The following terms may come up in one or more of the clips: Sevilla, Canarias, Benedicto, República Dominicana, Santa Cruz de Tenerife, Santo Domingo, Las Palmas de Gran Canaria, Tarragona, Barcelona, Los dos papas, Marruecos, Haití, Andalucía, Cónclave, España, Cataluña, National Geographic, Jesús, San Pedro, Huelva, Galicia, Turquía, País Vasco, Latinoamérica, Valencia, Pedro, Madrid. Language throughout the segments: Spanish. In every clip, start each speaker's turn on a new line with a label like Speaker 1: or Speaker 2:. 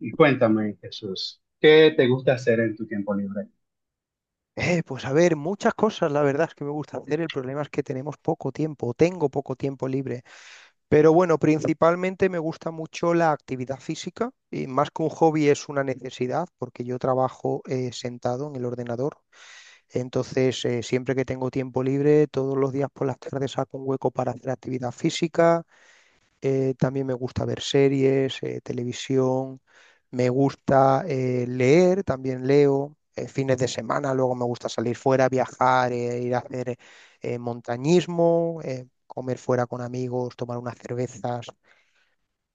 Speaker 1: Y cuéntame, Jesús, ¿qué te gusta hacer en tu tiempo libre?
Speaker 2: Pues a ver, muchas cosas, la verdad es que me gusta hacer. El problema es que tenemos poco tiempo, o tengo poco tiempo libre. Pero bueno, principalmente me gusta mucho la actividad física y más que un hobby es una necesidad porque yo trabajo sentado en el ordenador. Entonces, siempre que tengo tiempo libre, todos los días por las tardes saco un hueco para hacer actividad física. También me gusta ver series, televisión. Me gusta leer, también leo fines de semana. Luego me gusta salir fuera, viajar, ir a hacer montañismo, comer fuera con amigos, tomar unas cervezas,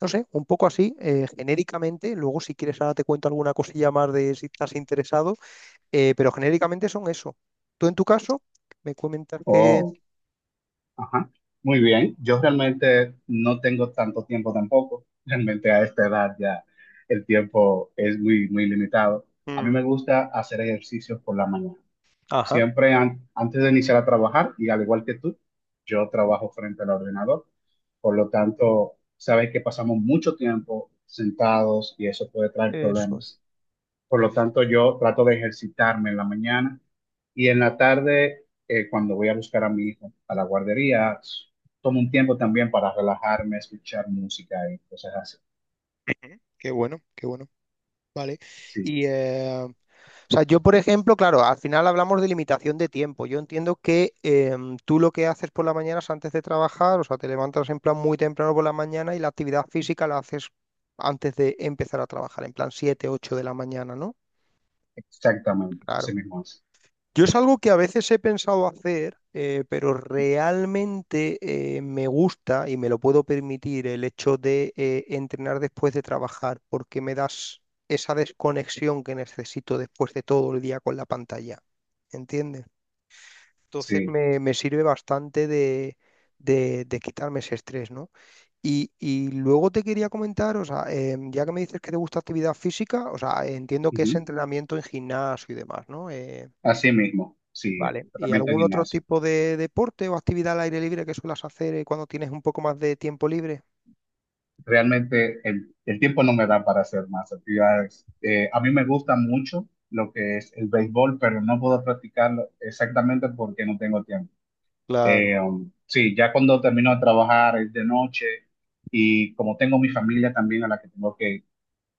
Speaker 2: no sé, un poco así, genéricamente. Luego si quieres ahora te cuento alguna cosilla más de si estás interesado, pero genéricamente son eso. Tú en tu caso, me comentas que...
Speaker 1: Oh, ajá. Muy bien. Yo realmente no tengo tanto tiempo tampoco. Realmente a esta edad ya el tiempo es muy, muy limitado. A mí me
Speaker 2: Mm.
Speaker 1: gusta hacer ejercicios por la mañana.
Speaker 2: Ajá.
Speaker 1: Siempre antes de iniciar a trabajar, y al igual que tú, yo trabajo frente al ordenador. Por lo tanto, sabes que pasamos mucho tiempo sentados y eso puede traer
Speaker 2: Eso es.
Speaker 1: problemas. Por lo tanto, yo trato de ejercitarme en la mañana y en la tarde, cuando voy a buscar a mi hijo a la guardería, tomo un tiempo también para relajarme, escuchar música y cosas así.
Speaker 2: Qué bueno, qué bueno. Vale.
Speaker 1: Sí,
Speaker 2: Y, o sea, yo, por ejemplo, claro, al final hablamos de limitación de tiempo. Yo entiendo que tú lo que haces por las mañanas antes de trabajar, o sea, te levantas en plan muy temprano por la mañana y la actividad física la haces antes de empezar a trabajar, en plan 7 8 de la mañana, ¿no?
Speaker 1: exactamente, así
Speaker 2: Claro.
Speaker 1: mismo es.
Speaker 2: Yo es algo que a veces he pensado hacer, pero realmente me gusta y me lo puedo permitir el hecho de entrenar después de trabajar, porque me das esa desconexión que necesito después de todo el día con la pantalla. ¿Entiendes? Entonces
Speaker 1: Sí,
Speaker 2: me sirve bastante de, de quitarme ese estrés, ¿no? Y luego te quería comentar, o sea, ya que me dices que te gusta actividad física, o sea, entiendo que es
Speaker 1: ujú.
Speaker 2: entrenamiento en gimnasio y demás, ¿no?
Speaker 1: Así mismo, sí,
Speaker 2: Vale. ¿Y
Speaker 1: tratamiento en
Speaker 2: algún otro
Speaker 1: gimnasio.
Speaker 2: tipo de deporte o actividad al aire libre que suelas hacer cuando tienes un poco más de tiempo libre?
Speaker 1: Realmente el tiempo no me da para hacer más actividades. A mí me gusta mucho lo que es el béisbol, pero no puedo practicarlo exactamente porque no tengo tiempo.
Speaker 2: Claro,
Speaker 1: Sí, ya cuando termino de trabajar es de noche y como tengo mi familia también a la que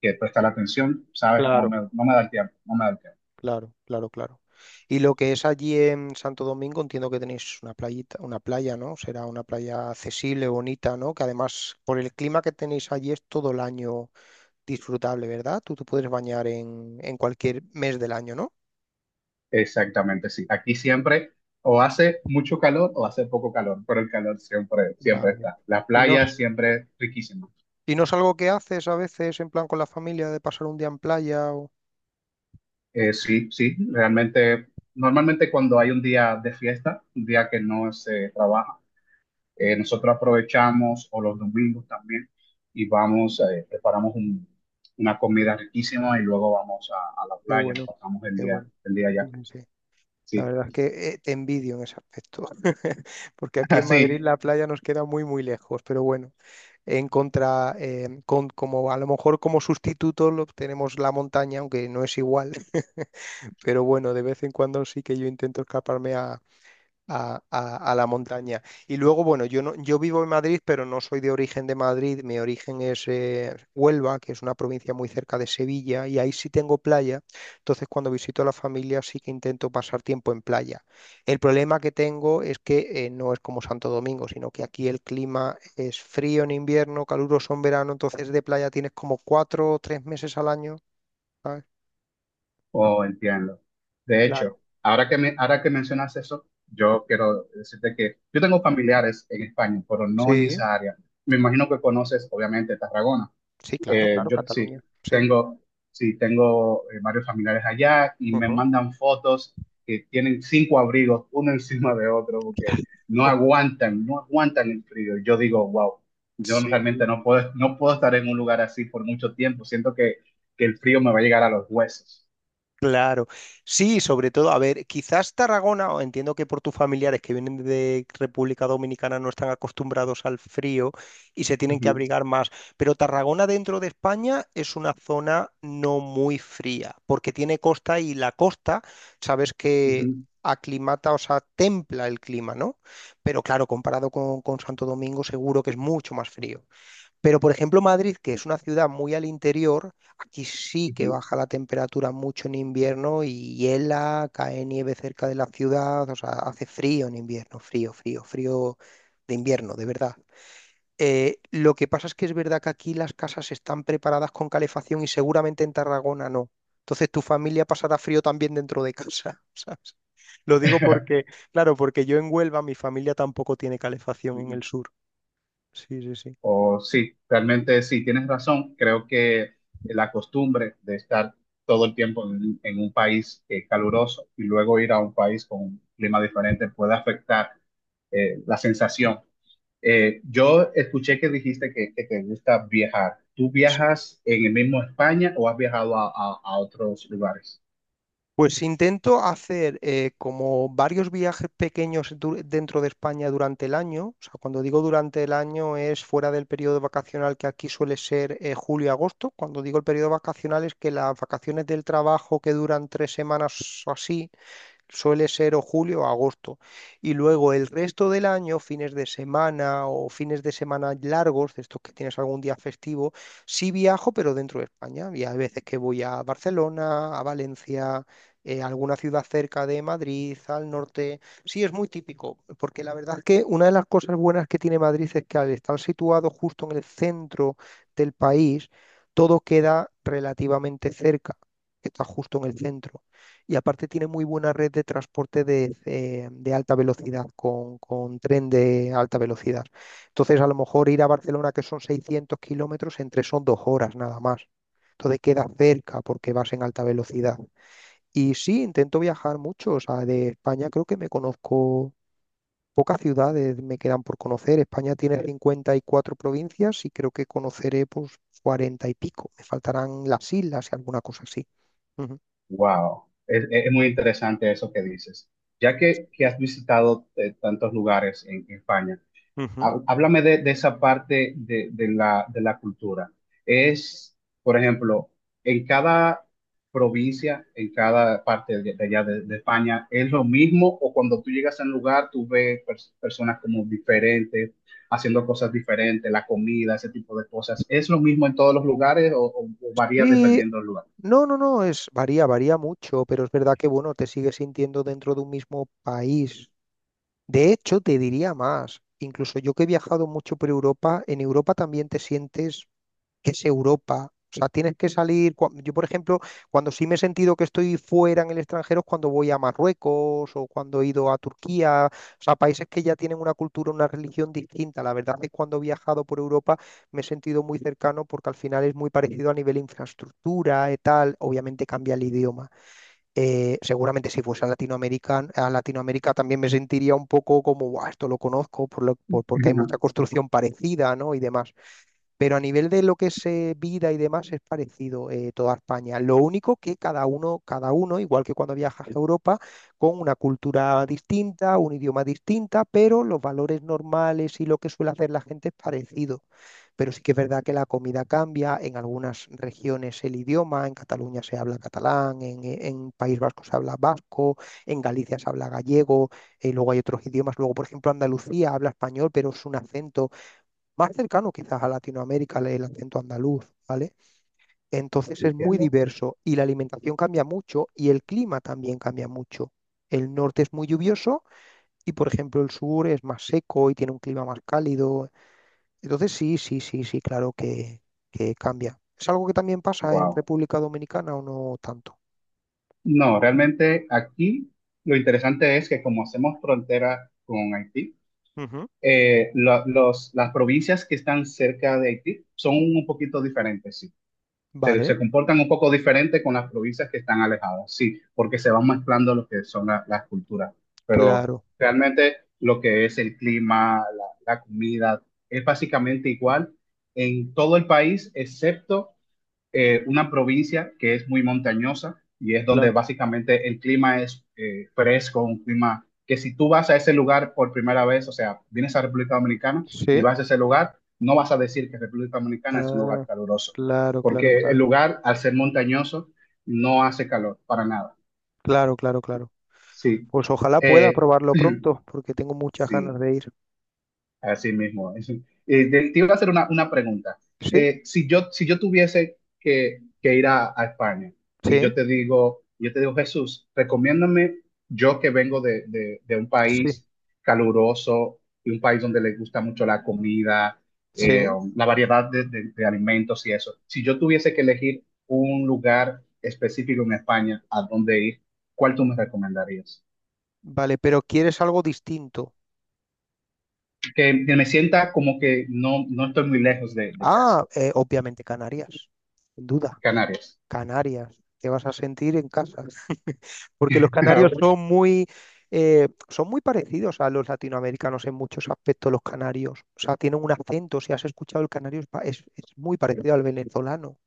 Speaker 1: que prestar atención, ¿sabes?
Speaker 2: claro,
Speaker 1: No me da el tiempo, no me da el tiempo.
Speaker 2: claro, claro, claro. Y lo que es allí en Santo Domingo, entiendo que tenéis una playita, una playa, ¿no? Será una playa accesible, bonita, ¿no? Que además, por el clima que tenéis allí, es todo el año disfrutable, ¿verdad? Tú te puedes bañar en cualquier mes del año, ¿no?
Speaker 1: Exactamente, sí. Aquí siempre o hace mucho calor o hace poco calor, pero el calor siempre, siempre
Speaker 2: Vale.
Speaker 1: está. La
Speaker 2: ¿Y no,
Speaker 1: playa siempre es riquísima.
Speaker 2: y no es algo que haces a veces en plan con la familia de pasar un día en playa o...
Speaker 1: Sí, sí, realmente, normalmente cuando hay un día de fiesta, un día que no se trabaja, nosotros aprovechamos, o los domingos también, y vamos, preparamos una comida riquísima y luego vamos a la
Speaker 2: Qué
Speaker 1: playa, nos
Speaker 2: bueno,
Speaker 1: pasamos
Speaker 2: qué bueno.
Speaker 1: el día
Speaker 2: Sí,
Speaker 1: allá.
Speaker 2: sí, sí. La
Speaker 1: Sí,
Speaker 2: verdad es que te envidio en ese aspecto, porque aquí en Madrid
Speaker 1: así,
Speaker 2: la playa nos queda muy, muy lejos, pero bueno, en contra, como a lo mejor como sustituto lo, tenemos la montaña, aunque no es igual, pero bueno, de vez en cuando sí que yo intento escaparme a la montaña. Y luego, bueno, yo, no, yo vivo en Madrid, pero no soy de origen de Madrid. Mi origen es Huelva, que es una provincia muy cerca de Sevilla, y ahí sí tengo playa. Entonces, cuando visito a la familia, sí que intento pasar tiempo en playa. El problema que tengo es que no es como Santo Domingo, sino que aquí el clima es frío en invierno, caluroso en verano, entonces de playa tienes como 4 o 3 meses al año, ¿sabes?
Speaker 1: oh, entiendo. De hecho,
Speaker 2: Claro.
Speaker 1: ahora que mencionas eso, yo quiero decirte que yo tengo familiares en España, pero no en
Speaker 2: Sí,
Speaker 1: esa área. Me imagino que conoces, obviamente, Tarragona.
Speaker 2: sí, claro,
Speaker 1: Eh,
Speaker 2: claro,
Speaker 1: yo sí,
Speaker 2: Cataluña. Sí.
Speaker 1: tengo, sí, tengo varios familiares allá y me
Speaker 2: Ujú.
Speaker 1: mandan fotos que tienen cinco abrigos uno encima de otro porque no aguantan, no aguantan el frío. Y yo digo, wow, yo no-
Speaker 2: Sí.
Speaker 1: realmente no puedo, no puedo estar en un lugar así por mucho tiempo. Que el frío me va a llegar a los huesos.
Speaker 2: Claro. Sí, sobre todo, a ver, quizás Tarragona, o entiendo que por tus familiares que vienen de República Dominicana no están acostumbrados al frío y se tienen que
Speaker 1: Ujú,
Speaker 2: abrigar más, pero Tarragona dentro de España es una zona no muy fría, porque tiene costa y la costa, sabes que
Speaker 1: ujú,
Speaker 2: aclimata, o sea, templa el clima, ¿no? Pero claro, comparado con Santo Domingo, seguro que es mucho más frío. Pero, por ejemplo, Madrid, que es una ciudad muy al interior, aquí sí que
Speaker 1: ujú.
Speaker 2: baja la temperatura mucho en invierno y hiela, cae nieve cerca de la ciudad, o sea, hace frío en invierno, frío, frío, frío de invierno, de verdad. Lo que pasa es que es verdad que aquí las casas están preparadas con calefacción y seguramente en Tarragona no. Entonces tu familia pasará frío también dentro de casa, ¿sabes? Lo digo porque, claro, porque yo en Huelva mi familia tampoco tiene calefacción en el sur. Sí, sí, sí.
Speaker 1: O sí, realmente sí, tienes razón. Creo que la costumbre de estar todo el tiempo en un país caluroso y luego ir a un país con un clima diferente puede afectar la sensación. Yo escuché que dijiste que te gusta viajar. ¿Tú viajas en el mismo España o has viajado a, a otros lugares?
Speaker 2: Pues intento hacer como varios viajes pequeños dentro de España durante el año. O sea, cuando digo durante el año es fuera del periodo vacacional que aquí suele ser julio y agosto. Cuando digo el periodo vacacional es que las vacaciones del trabajo que duran 3 semanas o así suele ser o julio o agosto. Y luego el resto del año, fines de semana o fines de semana largos, de estos que tienes algún día festivo, sí viajo, pero dentro de España. Y hay veces que voy a Barcelona, a Valencia, a alguna ciudad cerca de Madrid, al norte. Sí, es muy típico, porque la verdad es que una de las cosas buenas que tiene Madrid es que al estar situado justo en el centro del país, todo queda relativamente cerca, que está justo en el centro y aparte tiene muy buena red de transporte de alta velocidad, con tren de alta velocidad. Entonces, a lo mejor ir a Barcelona, que son 600 kilómetros, entre son 2 horas nada más. Entonces queda cerca porque vas en alta velocidad. Y sí, intento viajar mucho. O sea, de España creo que me conozco pocas ciudades, me quedan por conocer. España tiene 54 provincias y creo que conoceré pues 40 y pico. Me faltarán las islas y alguna cosa así. Ujú.
Speaker 1: Wow, es muy interesante eso que dices. Ya que has visitado tantos lugares en España.
Speaker 2: Ujú.
Speaker 1: Háblame de esa parte de la cultura. Es, por ejemplo, en cada provincia, en cada parte de allá de España, ¿es lo mismo o cuando tú llegas a un lugar tú ves personas como diferentes, haciendo cosas diferentes, la comida, ese tipo de cosas? ¿Es lo mismo en todos los lugares o, o varía
Speaker 2: Y
Speaker 1: dependiendo del lugar?
Speaker 2: No, no, no, es varía, varía mucho, pero es verdad que bueno, te sigues sintiendo dentro de un mismo país. De hecho, te diría más, incluso yo que he viajado mucho por Europa, en Europa también te sientes que es Europa. O sea, tienes que salir. Yo, por ejemplo, cuando sí me he sentido que estoy fuera en el extranjero es cuando voy a Marruecos o cuando he ido a Turquía. O sea, países que ya tienen una cultura, una religión distinta. La verdad es que cuando he viajado por Europa me he sentido muy cercano porque al final es muy parecido a nivel infraestructura y tal. Obviamente cambia el idioma. Seguramente si fuese a Latinoamérica también me sentiría un poco como, "Buah, esto lo conozco, porque hay
Speaker 1: Ujú.
Speaker 2: mucha construcción parecida, ¿no? Y demás. Pero a nivel de lo que es vida y demás es parecido toda España. Lo único que cada uno, igual que cuando viajas a Europa, con una cultura distinta, un idioma distinta, pero los valores normales y lo que suele hacer la gente es parecido. Pero sí que es verdad que la comida cambia, en algunas regiones el idioma, en Cataluña se habla catalán, en País Vasco se habla vasco, en Galicia se habla gallego. Luego hay otros idiomas, luego por ejemplo Andalucía habla español, pero es un acento más cercano quizás a Latinoamérica, el acento andaluz, ¿vale? Entonces es muy
Speaker 1: Entiendo.
Speaker 2: diverso y la alimentación cambia mucho y el clima también cambia mucho. El norte es muy lluvioso y, por ejemplo, el sur es más seco y tiene un clima más cálido. Entonces sí, sí, sí, sí, claro que cambia. ¿Es algo que también pasa en
Speaker 1: Wow.
Speaker 2: República Dominicana o no tanto?
Speaker 1: No, realmente aquí lo interesante es que como hacemos frontera con Haití,
Speaker 2: Ujú.
Speaker 1: los, las provincias que están cerca de Haití son un poquito diferentes, sí. Se,
Speaker 2: Vale,
Speaker 1: se comportan un poco diferente con las provincias que están alejadas, sí, porque se van mezclando lo que son las culturas. Pero
Speaker 2: claro,
Speaker 1: realmente lo que es el clima, la comida, es básicamente igual en todo el país, excepto una provincia que es muy montañosa y es donde
Speaker 2: claro.
Speaker 1: básicamente el clima es fresco, un clima que si tú vas a ese lugar por primera vez, o sea, vienes a República Dominicana y
Speaker 2: Sí.
Speaker 1: vas a ese lugar, no vas a decir que República Dominicana es un lugar
Speaker 2: Ah,
Speaker 1: caluroso,
Speaker 2: claro, claro,
Speaker 1: porque el
Speaker 2: claro.
Speaker 1: lugar, al ser montañoso, no hace calor para nada.
Speaker 2: Claro, claro, claro.
Speaker 1: Sí.
Speaker 2: Pues ojalá pueda
Speaker 1: Eh,
Speaker 2: probarlo pronto, porque tengo muchas ganas
Speaker 1: sí.
Speaker 2: de ir.
Speaker 1: Así mismo es. Te iba a hacer una pregunta.
Speaker 2: Sí,
Speaker 1: Si yo tuviese que ir a España y
Speaker 2: sí,
Speaker 1: yo te digo, Jesús, recomiéndame yo que vengo de, de un
Speaker 2: sí,
Speaker 1: país caluroso y un país donde le gusta mucho la comida, eh,
Speaker 2: sí.
Speaker 1: la variedad de, de alimentos y eso. Si yo tuviese que elegir un lugar específico en España a dónde ir, ¿cuál tú me recomendarías?
Speaker 2: Vale, pero quieres algo distinto.
Speaker 1: Que me sienta como que no, no estoy muy lejos de
Speaker 2: Ah,
Speaker 1: casa.
Speaker 2: obviamente Canarias, sin duda.
Speaker 1: Canarias.
Speaker 2: Canarias, te vas a sentir en casa. Porque los canarios son son muy parecidos a los latinoamericanos en muchos aspectos, los canarios. O sea, tienen un acento. Si has escuchado el canario, es, pa- es muy parecido al venezolano.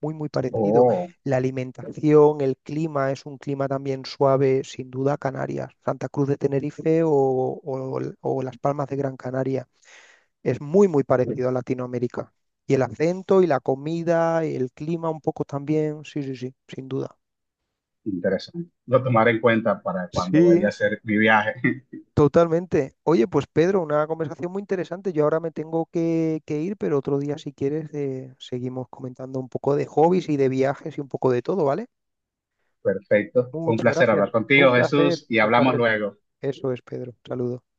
Speaker 2: Muy, muy parecido.
Speaker 1: Oh,
Speaker 2: La alimentación, el clima, es un clima también suave, sin duda, Canarias, Santa Cruz de Tenerife o Las Palmas de Gran Canaria. Es muy, muy parecido a Latinoamérica. Y el acento y la comida, y el clima un poco también, sí, sí, sí, sin duda.
Speaker 1: interesante. Lo tomaré en cuenta para cuando
Speaker 2: Sí,
Speaker 1: vaya a hacer mi viaje.
Speaker 2: totalmente. Oye, pues Pedro, una conversación muy interesante. Yo ahora me tengo que ir, pero otro día, si quieres, seguimos comentando un poco de hobbies y de viajes y un poco de todo, ¿vale?
Speaker 1: Perfecto. Un
Speaker 2: Muchas
Speaker 1: placer
Speaker 2: gracias.
Speaker 1: hablar
Speaker 2: Un
Speaker 1: contigo,
Speaker 2: placer,
Speaker 1: Jesús, y
Speaker 2: un
Speaker 1: hablamos
Speaker 2: placer.
Speaker 1: luego.
Speaker 2: Eso es, Pedro. Saludos.